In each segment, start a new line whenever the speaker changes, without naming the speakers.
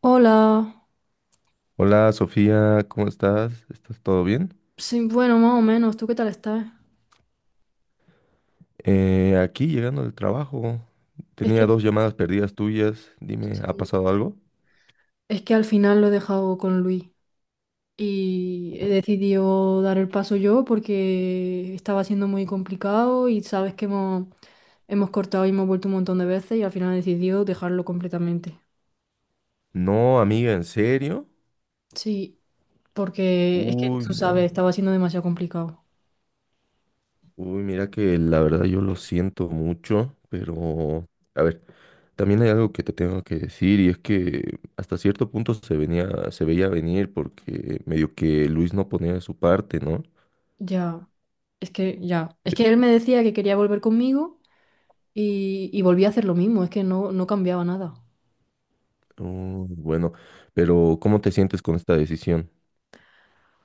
Hola,
Hola Sofía, ¿cómo estás? ¿Estás todo bien?
sí, bueno, más o menos, ¿tú qué tal estás?
Aquí llegando del trabajo,
Es
tenía
que,
dos llamadas perdidas tuyas. Dime, ¿ha
sí,
pasado algo?
es que al final lo he dejado con Luis y he decidido dar el paso yo porque estaba siendo muy complicado y sabes que hemos cortado y hemos vuelto un montón de veces y al final he decidido dejarlo completamente.
No, amiga, ¿en serio?
Sí, porque es que
Uy,
tú
no.
sabes, estaba siendo demasiado complicado.
Uy, mira que la verdad yo lo siento mucho, pero a ver, también hay algo que te tengo que decir y es que hasta cierto punto se veía venir porque medio que Luis no ponía de su parte, ¿no?
Ya, ya, es que él me decía que quería volver conmigo y volví a hacer lo mismo, es que no, no cambiaba nada.
Uy, bueno, pero ¿cómo te sientes con esta decisión?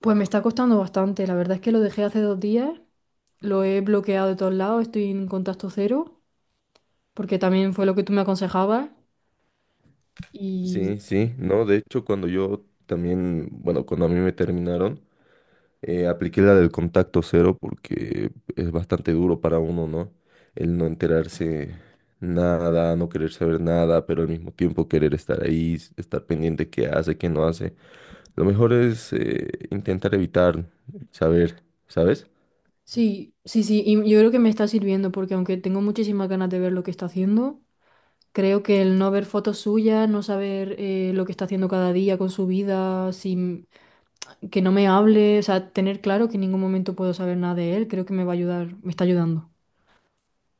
Pues me está costando bastante. La verdad es que lo dejé hace 2 días, lo he bloqueado de todos lados, estoy en contacto cero, porque también fue lo que tú me aconsejabas. Y
Sí, sí, no, de hecho cuando yo también, bueno, cuando a mí me terminaron, apliqué la del contacto cero porque es bastante duro para uno, ¿no? El no enterarse nada, no querer saber nada, pero al mismo tiempo querer estar ahí, estar pendiente qué hace, qué no hace. Lo mejor es intentar evitar saber, ¿sabes?
sí, sí, sí, y yo creo que me está sirviendo, porque aunque tengo muchísimas ganas de ver lo que está haciendo, creo que el no ver fotos suyas, no saber lo que está haciendo cada día con su vida, sin, que no me hable, o sea, tener claro que en ningún momento puedo saber nada de él, creo que me va a ayudar, me está ayudando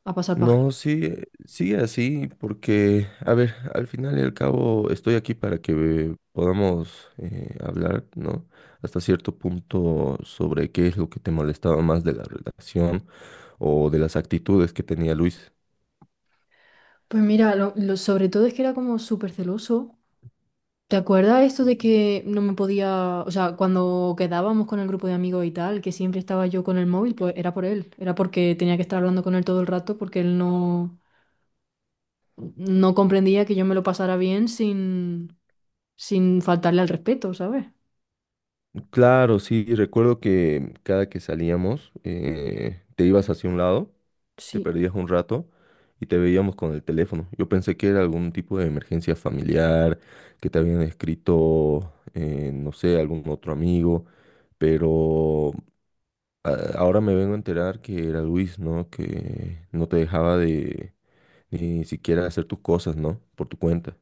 a pasar página.
No, sí, sigue así, porque, a ver, al final y al cabo estoy aquí para que podamos hablar, ¿no? Hasta cierto punto sobre qué es lo que te molestaba más de la relación o de las actitudes que tenía Luis.
Pues mira, sobre todo es que era como súper celoso. ¿Te acuerdas esto de que no me podía, o sea, cuando quedábamos con el grupo de amigos y tal, que siempre estaba yo con el móvil? Pues era por él, era porque tenía que estar hablando con él todo el rato porque él no, no comprendía que yo me lo pasara bien sin, sin faltarle al respeto, ¿sabes?
Claro, sí, recuerdo que cada que salíamos te ibas hacia un lado, te
Sí,
perdías un rato y te veíamos con el teléfono. Yo pensé que era algún tipo de emergencia familiar, que te habían escrito, no sé, algún otro amigo, pero ahora me vengo a enterar que era Luis, ¿no? Que no te dejaba de ni siquiera hacer tus cosas, ¿no? Por tu cuenta.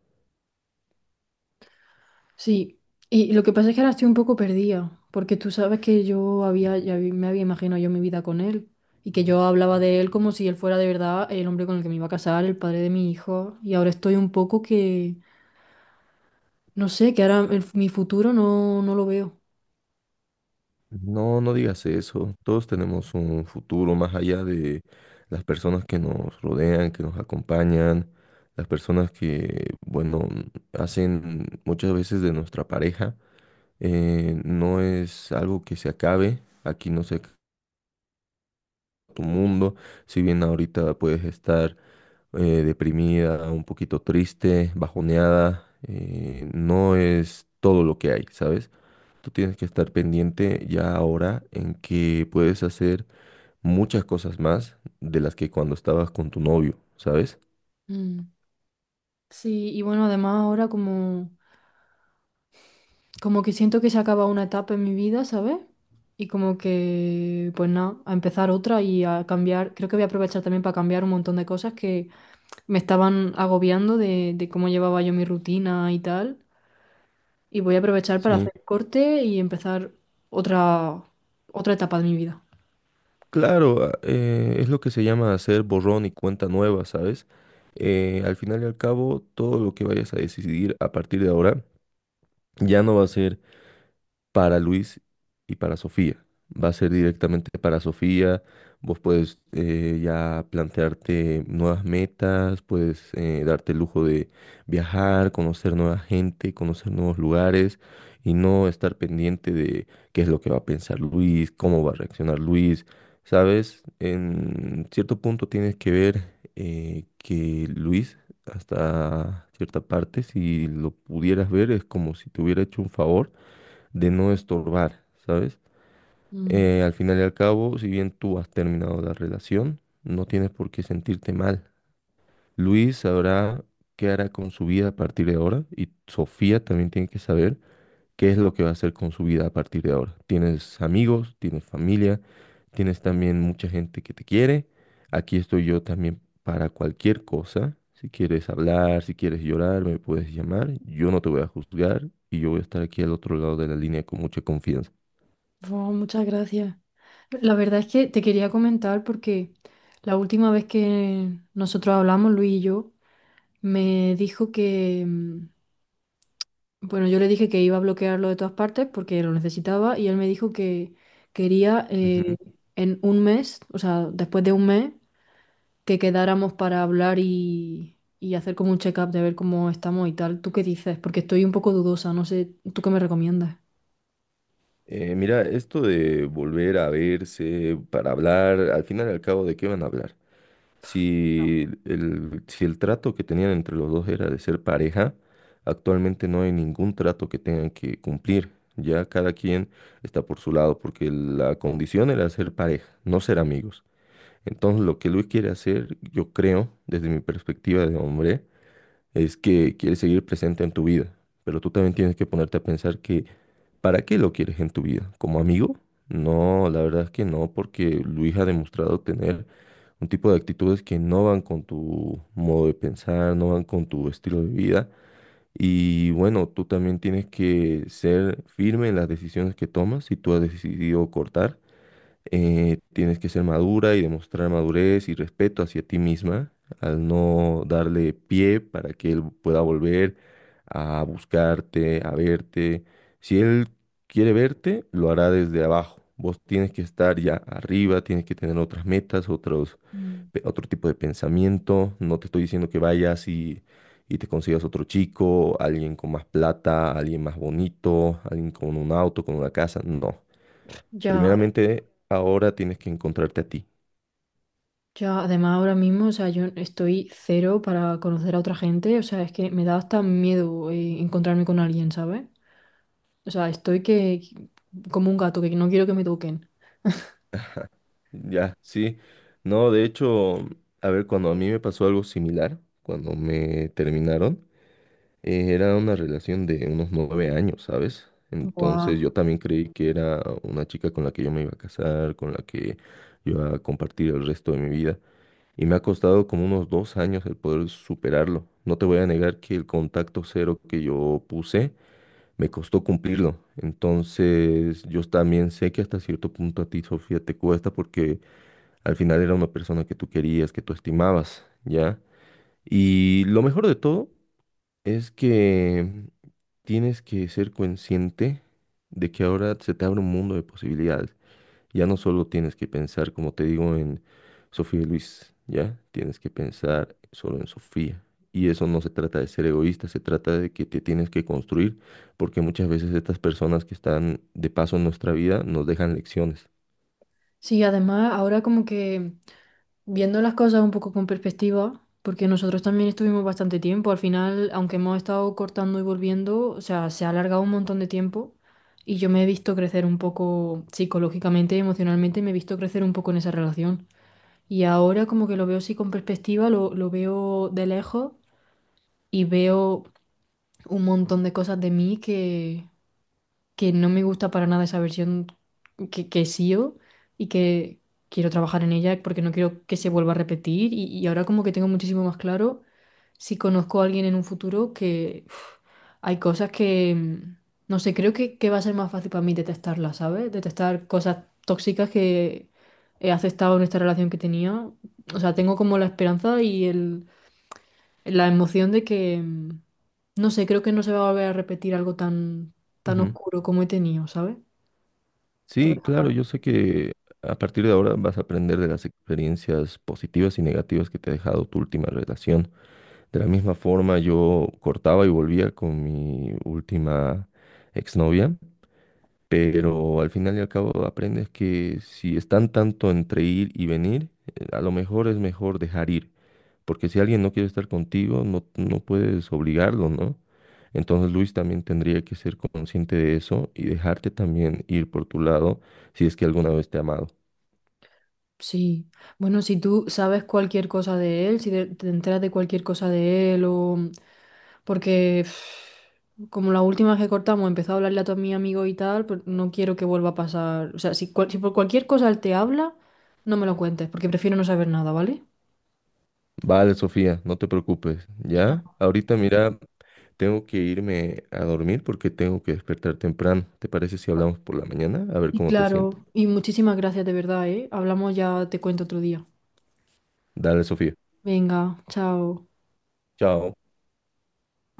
sí. Y lo que pasa es que ahora estoy un poco perdida, porque tú sabes que yo me había imaginado yo mi vida con él y que yo hablaba de él como si él fuera de verdad el hombre con el que me iba a casar, el padre de mi hijo, y ahora estoy un poco que... No sé, que ahora mi futuro no, no lo veo.
No, no digas eso. Todos tenemos un futuro más allá de las personas que nos rodean, que nos acompañan, las personas que, bueno, hacen muchas veces de nuestra pareja. No es algo que se acabe. Aquí no se acaba tu mundo. Si bien ahorita puedes estar eh, deprimida, un poquito triste, bajoneada, no es todo lo que hay, ¿sabes? Tú tienes que estar pendiente ya ahora en que puedes hacer muchas cosas más de las que cuando estabas con tu novio, ¿sabes?
Mm. Sí, y bueno, además ahora como que siento que se acaba una etapa en mi vida, ¿sabes? Y como que, pues nada, a empezar otra y a cambiar. Creo que voy a aprovechar también para cambiar un montón de cosas que me estaban agobiando de cómo llevaba yo mi rutina y tal. Y voy a aprovechar para
Sí,
hacer corte y empezar otra, otra etapa de mi vida.
claro, es lo que se llama hacer borrón y cuenta nueva, ¿sabes? Al final y al cabo, todo lo que vayas a decidir a partir de ahora ya no va a ser para Luis y para Sofía. Va a ser directamente para Sofía. Vos puedes ya plantearte nuevas metas, puedes darte el lujo de viajar, conocer nueva gente, conocer nuevos lugares y no estar pendiente de qué es lo que va a pensar Luis, cómo va a reaccionar Luis. Sabes, en cierto punto tienes que ver que Luis, hasta cierta parte, si lo pudieras ver, es como si te hubiera hecho un favor de no estorbar, ¿sabes? Al final y al cabo, si bien tú has terminado la relación, no tienes por qué sentirte mal. Luis sabrá qué hará con su vida a partir de ahora y Sofía también tiene que saber qué es lo que va a hacer con su vida a partir de ahora. Tienes amigos, tienes familia, tienes también mucha gente que te quiere. Aquí estoy yo también para cualquier cosa. Si quieres hablar, si quieres llorar, me puedes llamar. Yo no te voy a juzgar y yo voy a estar aquí al otro lado de la línea con mucha confianza.
Oh, muchas gracias. La verdad es que te quería comentar porque la última vez que nosotros hablamos, Luis y yo, me dijo que, bueno, yo le dije que iba a bloquearlo de todas partes porque lo necesitaba y él me dijo que quería
Ujú.
en un mes, o sea, después de un mes, que quedáramos para hablar y hacer como un check-up de ver cómo estamos y tal. ¿Tú qué dices? Porque estoy un poco dudosa, no sé, ¿tú qué me recomiendas?
Mira, esto de volver a verse para hablar, al final y al cabo, ¿de qué van a hablar? Si el trato que tenían entre los dos era de ser pareja, actualmente no hay ningún trato que tengan que cumplir. Ya cada quien está por su lado, porque la condición era ser pareja, no ser amigos. Entonces, lo que Luis quiere hacer, yo creo, desde mi perspectiva de hombre, es que quiere seguir presente en tu vida. Pero tú también tienes que ponerte a pensar, ¿para qué lo quieres en tu vida? ¿Como amigo? No, la verdad es que no, porque Luis ha demostrado tener un tipo de actitudes que no van con tu modo de pensar, no van con tu estilo de vida. Y bueno, tú también tienes que ser firme en las decisiones que tomas. Si tú has decidido cortar, tienes que ser madura y demostrar madurez y respeto hacia ti misma al no darle pie para que él pueda volver a buscarte, a verte. Si él quiere verte, lo hará desde abajo. Vos tienes que estar ya arriba, tienes que tener otras metas,
Mm.
otro tipo de pensamiento. No te estoy diciendo que vayas y te consigas otro chico, alguien con más plata, alguien más bonito, alguien con un auto, con una casa. No.
Ya,
Primeramente, ahora tienes que encontrarte a ti.
ya además ahora mismo, o sea, yo estoy cero para conocer a otra gente, o sea, es que me da hasta miedo encontrarme con alguien, ¿sabes? O sea, estoy que como un gato, que no quiero que me toquen.
Ya, sí. No, de hecho, a ver, cuando a mí me pasó algo similar, cuando me terminaron, era una relación de unos 9 años, ¿sabes?
Guau.
Entonces yo también creí que era una chica con la que yo me iba a casar, con la que yo iba a compartir el resto de mi vida. Y me ha costado como unos 2 años el poder superarlo. No te voy a negar que el contacto cero que yo puse me costó cumplirlo. Entonces, yo también sé que hasta cierto punto a ti, Sofía, te cuesta porque al final era una persona que tú querías, que tú estimabas, ¿ya? Y lo mejor de todo es que tienes que ser consciente de que ahora se te abre un mundo de posibilidades. Ya no solo tienes que pensar, como te digo, en Sofía y Luis, ¿ya? Tienes que pensar solo en Sofía. Y eso no se trata de ser egoísta, se trata de que te tienes que construir, porque muchas veces estas personas que están de paso en nuestra vida nos dejan lecciones.
Sí, además ahora como que viendo las cosas un poco con perspectiva, porque nosotros también estuvimos bastante tiempo, al final, aunque hemos estado cortando y volviendo, o sea, se ha alargado un montón de tiempo y yo me he visto crecer un poco psicológicamente y emocionalmente, me he visto crecer un poco en esa relación. Y ahora como que lo veo así con perspectiva, lo veo de lejos y veo un montón de cosas de mí que no me gusta para nada esa versión que SEO y que quiero trabajar en ella porque no quiero que se vuelva a repetir y ahora como que tengo muchísimo más claro si conozco a alguien en un futuro que uf, hay cosas que, mm, no sé, creo que va a ser más fácil para mí detectarlas, ¿sabes? Detectar cosas tóxicas que he aceptado en esta relación que tenía. O sea, tengo como la esperanza y el la emoción de que, mm, no sé, creo que no se va a volver a repetir algo tan, tan
Ujú.
oscuro como he tenido, ¿sabes? Por
Sí,
esa
claro,
parte.
yo sé que a partir de ahora vas a aprender de las experiencias positivas y negativas que te ha dejado tu última relación. De la misma forma, yo cortaba y volvía con mi última exnovia. Pero al final y al cabo aprendes que si están tanto entre ir y venir, a lo mejor es mejor dejar ir, porque si alguien no quiere estar contigo, no puedes obligarlo, ¿no? Entonces Luis también tendría que ser consciente de eso y dejarte también ir por tu lado si es que alguna vez te ha amado.
Sí. Bueno, si tú sabes cualquier cosa de él, si te, te enteras de cualquier cosa de él o... Porque pff, como la última vez que cortamos empezó a hablarle a todos mis amigos y tal, pues no quiero que vuelva a pasar. O sea, si, cual- si por cualquier cosa él te habla, no me lo cuentes, porque prefiero no saber nada, ¿vale?
Vale, Sofía, no te preocupes,
Y nada.
¿ya? Ahorita mira, tengo que irme a dormir porque tengo que despertar temprano. ¿Te parece si hablamos por la mañana? A ver
Y
cómo te sientes.
claro, y muchísimas gracias de verdad, ¿eh? Hablamos ya, te cuento otro día.
Dale, Sofía.
Venga, chao.
Chao.